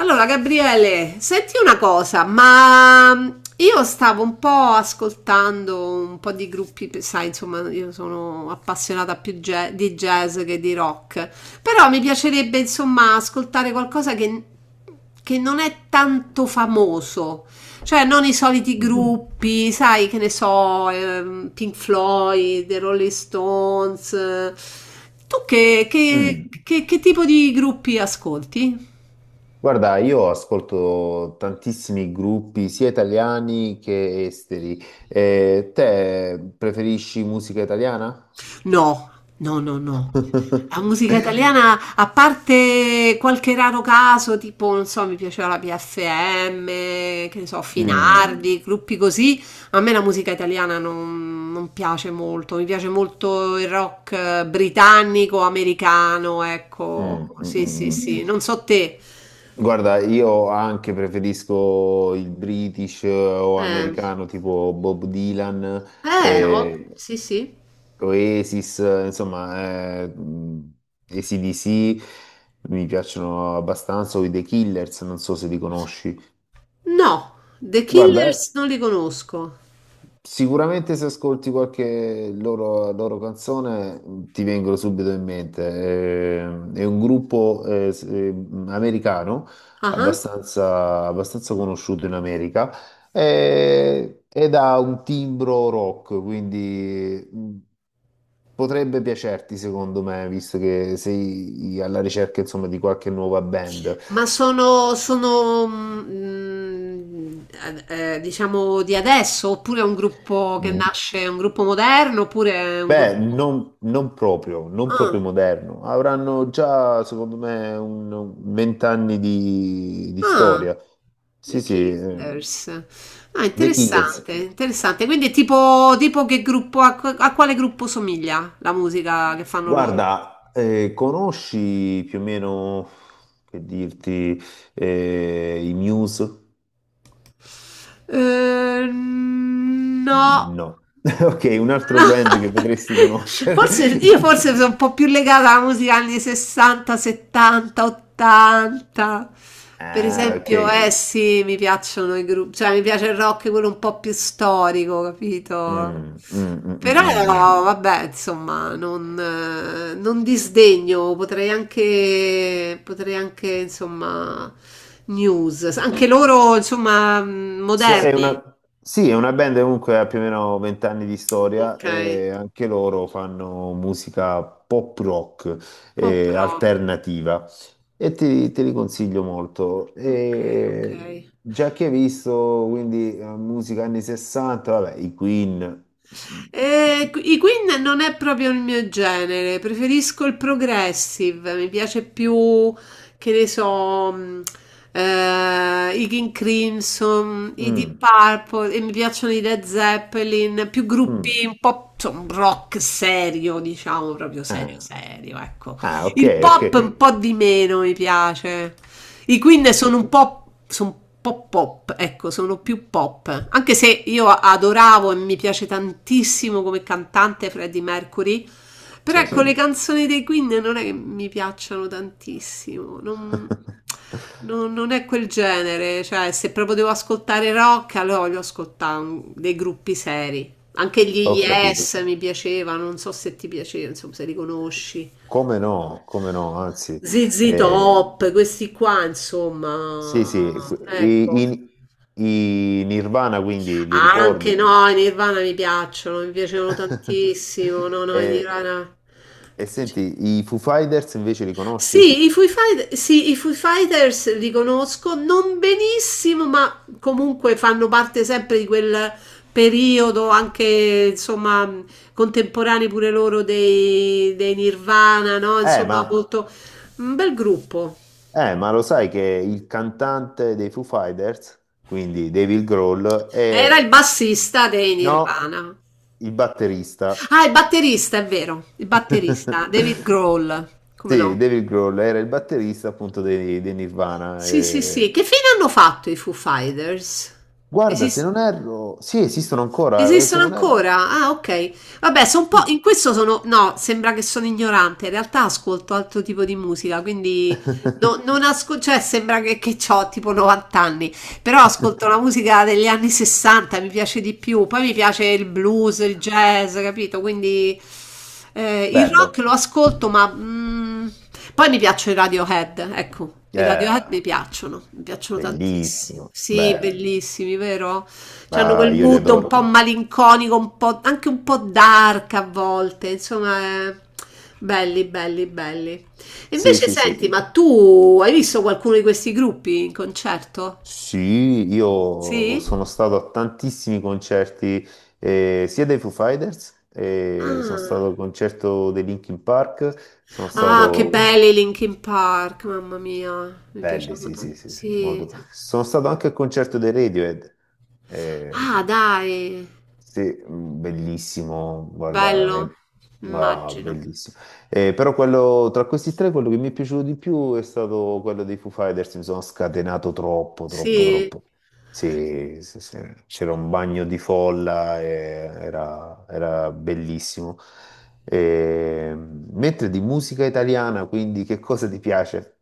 Allora, Gabriele, senti una cosa, ma io stavo un po' ascoltando un po' di gruppi, sai, insomma, io sono appassionata più di jazz che di rock, però mi piacerebbe, insomma, ascoltare qualcosa che non è tanto famoso, cioè non i soliti Mm. gruppi, sai, che ne so, Pink Floyd, The Rolling Stones. Eh. Tu Mm. Che tipo di gruppi ascolti? Guarda, io ascolto tantissimi gruppi, sia italiani che esteri. Te preferisci musica italiana? No, no, no, no. La musica italiana, a parte qualche raro caso, tipo, non so, mi piaceva la PFM, che ne so, Mm, Finardi, gruppi così, a me la musica italiana non piace molto, mi piace molto il rock britannico, americano, ecco, mm, mm, sì, sì, mm. sì, non so te. Guarda, io anche preferisco il British o Eh, americano, tipo Bob Dylan, eh, sì, sì. Oasis, AC/DC mi piacciono abbastanza, o i The Killers, non so se li conosci. No, The Guarda, Killers non li conosco. sicuramente se ascolti qualche loro canzone ti vengono subito in mente. È un gruppo americano Ah ah. Abbastanza conosciuto in America ed ha un timbro rock, quindi potrebbe piacerti secondo me, visto che sei alla ricerca insomma, di qualche nuova band. Ma sono diciamo di adesso, oppure è un gruppo che nasce, è un gruppo moderno, oppure è un Beh, gruppo... non proprio, non Ah, proprio moderno. Avranno già, secondo me, un vent'anni di ah, storia. Sì, The sì, Killers. Ah, The Killers. interessante, interessante. Quindi è tipo, tipo che gruppo, a quale gruppo somiglia la musica che fanno loro? Guarda, conosci più o meno, che dirti, i Muse? No. No. Ok, un altro band che potresti conoscere. Forse io forse sono un po' più legata alla musica anni 60, 70, 80. Per Ah, ok. esempio, eh sì, mi piacciono i gruppi, cioè mi piace il rock quello un po' più storico, capito? Mm, mm, mm, mm, Però mm, mm. vabbè, insomma, non, non disdegno, potrei anche, insomma, news. Anche loro, insomma, È moderni. una, sì, è una band che comunque ha più o meno vent'anni di storia Ok, e anche loro fanno musica pop rock pop rock. alternativa e te li consiglio molto. Ok, E ok. già che hai visto quindi musica anni 60, vabbè, i Queen. I Queen non è proprio il mio genere, preferisco il progressive, mi piace più, che ne so, i King Crimson, i Deep Mm, Purple, e mi piacciono i Led Zeppelin, più mm, gruppi un po' insomma, rock serio, diciamo, proprio serio ah, serio, ecco. ah, ok, Il ok, pop un po' di meno mi piace. I Queen ok, sono un po' pop, ecco, sono più pop. Anche se io adoravo e mi piace tantissimo come cantante Freddie Mercury, però sì. ecco, sì, le canzoni dei Queen non è che mi piacciono tantissimo, non, non è quel genere, cioè se proprio devo ascoltare rock, allora voglio ascoltare dei gruppi seri. Anche gli Ho capito. Yes mi piacevano, non so se ti piaceva, insomma, se li conosci. Come no, come no, anzi. ZZ eh, Top, questi qua, insomma, Sì, sì, ecco. I Nirvana quindi li Anche ricordi? no, i Nirvana mi piacciono, mi piacevano tantissimo. No, no, i E, Nirvana. e senti, i Foo Fighters invece li conosci? Sì, i sì, i Foo Fighters li conosco non benissimo, ma comunque fanno parte sempre di quel periodo anche, insomma, contemporanei pure loro dei Nirvana, no? Eh, Insomma, ma, molto un bel gruppo. Ma lo sai che il cantante dei Foo Fighters, quindi David Grohl, Era è... il bassista dei No, Nirvana. il batterista. Ah, il batterista, è vero, il batterista, David Grohl, come Sì, no? David Grohl era il batterista appunto dei Nirvana. Sì, sì, sì. Che fine hanno fatto i Foo Fighters? Guarda, se Esiste? non erro... Sì, esistono ancora, e se Esistono non erro... ancora? Ah, ok. Vabbè, sono un po'. Sì. In questo sono. No, sembra che sono ignorante. In realtà ascolto altro tipo di musica, quindi non ascolto. Cioè, sembra che ho tipo 90 anni. Però ascolto la musica degli anni 60, mi piace di più. Poi mi piace il blues, il jazz, capito? Quindi il rock Bello. lo ascolto, ma poi mi piacciono i Radiohead, ecco. I Radiohead Eh, mi piacciono tantissimo. Bellissimo, Sì, beh, bellissimi, vero? C'hanno ah, quel io li mood un po' adoro. malinconico, un po', anche un po' dark a volte, insomma, belli, belli, belli. E Sì, invece sì, sì. senti, ma tu hai visto qualcuno di questi gruppi in concerto? Sì, io Sì? sono stato a tantissimi concerti, sia dei Foo Fighters, sono Ah, stato al concerto dei Linkin Park, sono ah, che stato... belli i Linkin Park, mamma mia, mi Belli, piacevano sì, sì, tanto. sì, sì, Sì. molto. Sono stato anche al concerto dei Radiohead. eh, Ah, dai, Sì, bellissimo, guarda, è bello, ma immagino. bellissimo. Però quello, tra questi tre, quello che mi è piaciuto di più è stato quello dei Foo Fighters, mi sono scatenato troppo, troppo, Sì. troppo. Sì, sì, sì, c'era un bagno di folla, era, era bellissimo. Mentre di musica italiana, quindi che cosa ti piace?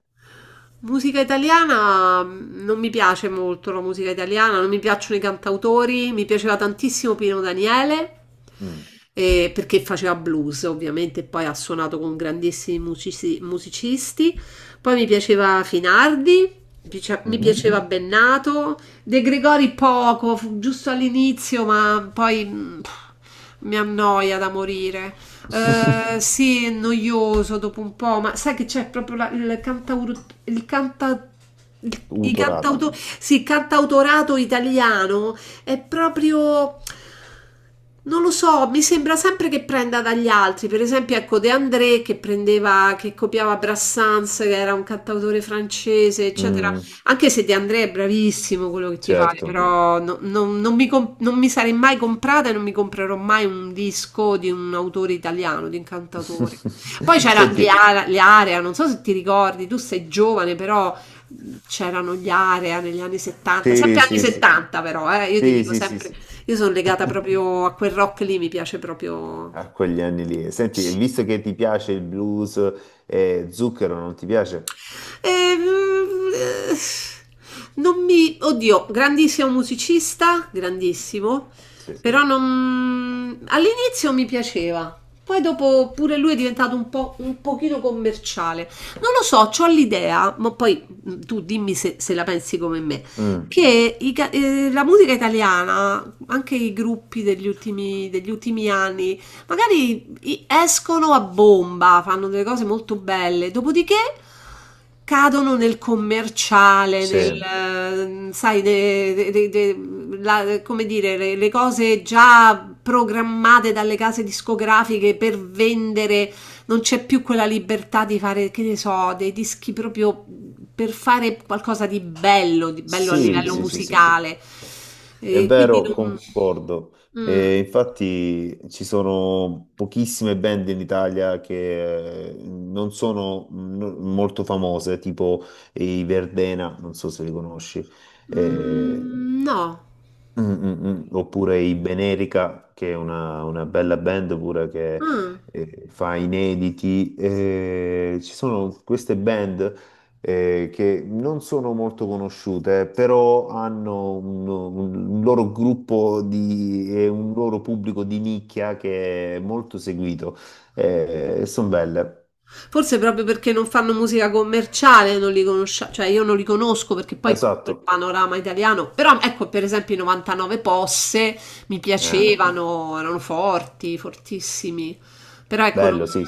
Musica italiana non mi piace molto la musica italiana, non mi piacciono i cantautori, mi piaceva tantissimo Pino Daniele, Mm. Perché faceva blues ovviamente, e poi ha suonato con grandissimi musicisti, poi mi piaceva Finardi, mi Mhm. piaceva Bennato, De Gregori poco, fu giusto all'inizio, ma poi mi annoia da morire. Sì, è noioso dopo un po', ma sai che c'è proprio il cantauro, il canta, i Utorato. Sì, il cantautorato italiano è proprio, non lo so, mi sembra sempre che prenda dagli altri. Per esempio, ecco, De André che prendeva, che copiava Brassens, che era un cantautore francese, eccetera. Mm, Anche se De André è bravissimo quello che ti pare, certo. però non, non mi non mi sarei mai comprata e non mi comprerò mai un disco di un autore italiano, di un cantautore. Poi c'era Senti, gli Area, non so se ti ricordi, tu sei giovane, però c'erano gli Area negli anni 70, sì, sempre anni sì, sì, 70 però, io ti sì, dico sì, sì, sempre, sì, io sono legata proprio a quel rock lì, mi piace proprio. a quegli anni lì. Senti, e visto che ti piace il blues, Zucchero non ti piace? Eh, eh, non mi... Oddio, grandissimo musicista, grandissimo, Sì. però non... All'inizio mi piaceva, poi dopo pure lui è diventato un po' un pochino commerciale. Non lo so, ho l'idea, ma poi tu dimmi se la pensi come me, Mm, che i la musica italiana, anche i gruppi degli ultimi anni, magari escono a bomba, fanno delle cose molto belle, dopodiché cadono nel commerciale, nel, sì, sai, come dire, le cose già programmate dalle case discografiche per vendere, non c'è più quella libertà di fare, che ne so, dei dischi proprio per fare qualcosa di bello a sì, livello sì, sì, sì. musicale. È E quindi vero, non... concordo. Mm, E infatti ci sono pochissime band in Italia che non sono molto famose, tipo i Verdena, non so se li conosci. Eh, mm, no. Mm, mm, mm. Oppure i Benerica, che è una bella band pure che Ah. Fa inediti. Ci sono queste band che non sono molto conosciute, però hanno un loro gruppo di, e un loro pubblico di nicchia che è molto seguito. Sono belle. Forse proprio perché non fanno musica commerciale, non li conosciamo, cioè io non li conosco perché poi conosco Esatto. il panorama italiano, però ecco per esempio i 99 Posse mi Eh, piacevano, erano forti, fortissimi, però ecco, non- bello, sì.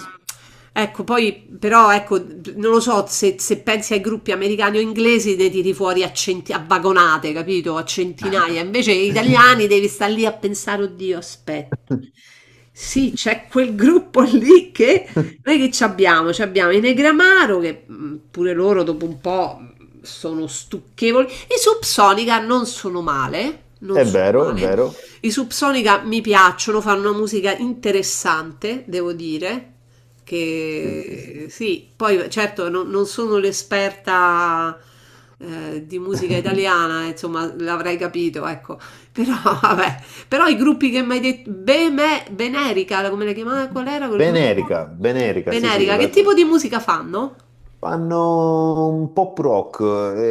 ecco, poi però ecco, non lo so se pensi ai gruppi americani o inglesi ne tiri fuori a vagonate, capito? A centinaia, invece gli italiani devi stare lì a pensare, oddio, aspetta. Sì, c'è quel gruppo lì che noi che ci abbiamo? Ci abbiamo i Negramaro che pure loro dopo un po' sono stucchevoli. I Subsonica non sono male, non È sono vero, è male. vero. I Subsonica mi piacciono, fanno una musica interessante, devo dire. Sì, sì, sì. Che sì, poi certo non, non sono l'esperta di musica italiana, insomma, l'avrei capito, ecco. Però vabbè, però i gruppi che mi hai detto, Benerica, come la chiamava? Qual era quel gruppo? Benerica, Benerica, sì, sì, Venerica, che tipo di musica fanno? fanno un pop rock,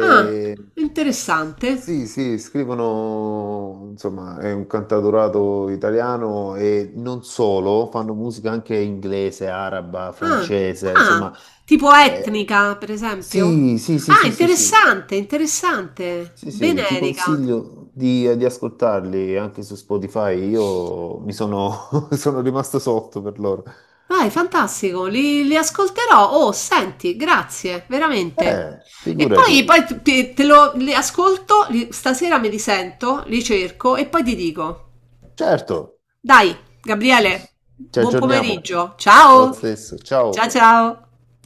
Ah, interessante. sì, sì, scrivono, insomma, è un cantautorato italiano e non solo, fanno musica anche inglese, araba, Ah, francese, ah, insomma, tipo eh, etnica, per esempio? sì, sì, sì, Ah, sì, sì, sì. interessante, interessante. Sì, sì, ti Venerica. consiglio di ascoltarli anche su Spotify. Io mi sono, sono rimasto sotto per loro. Vai, fantastico, li, li ascolterò. Oh, senti, grazie, veramente. E Figurati. Poi te, li ascolto, stasera me li sento, li cerco e poi ti dico. Certo. Dai, Gabriele, Ci buon aggiorniamo. pomeriggio. Lo Ciao. stesso. Ciao Ciao. ciao.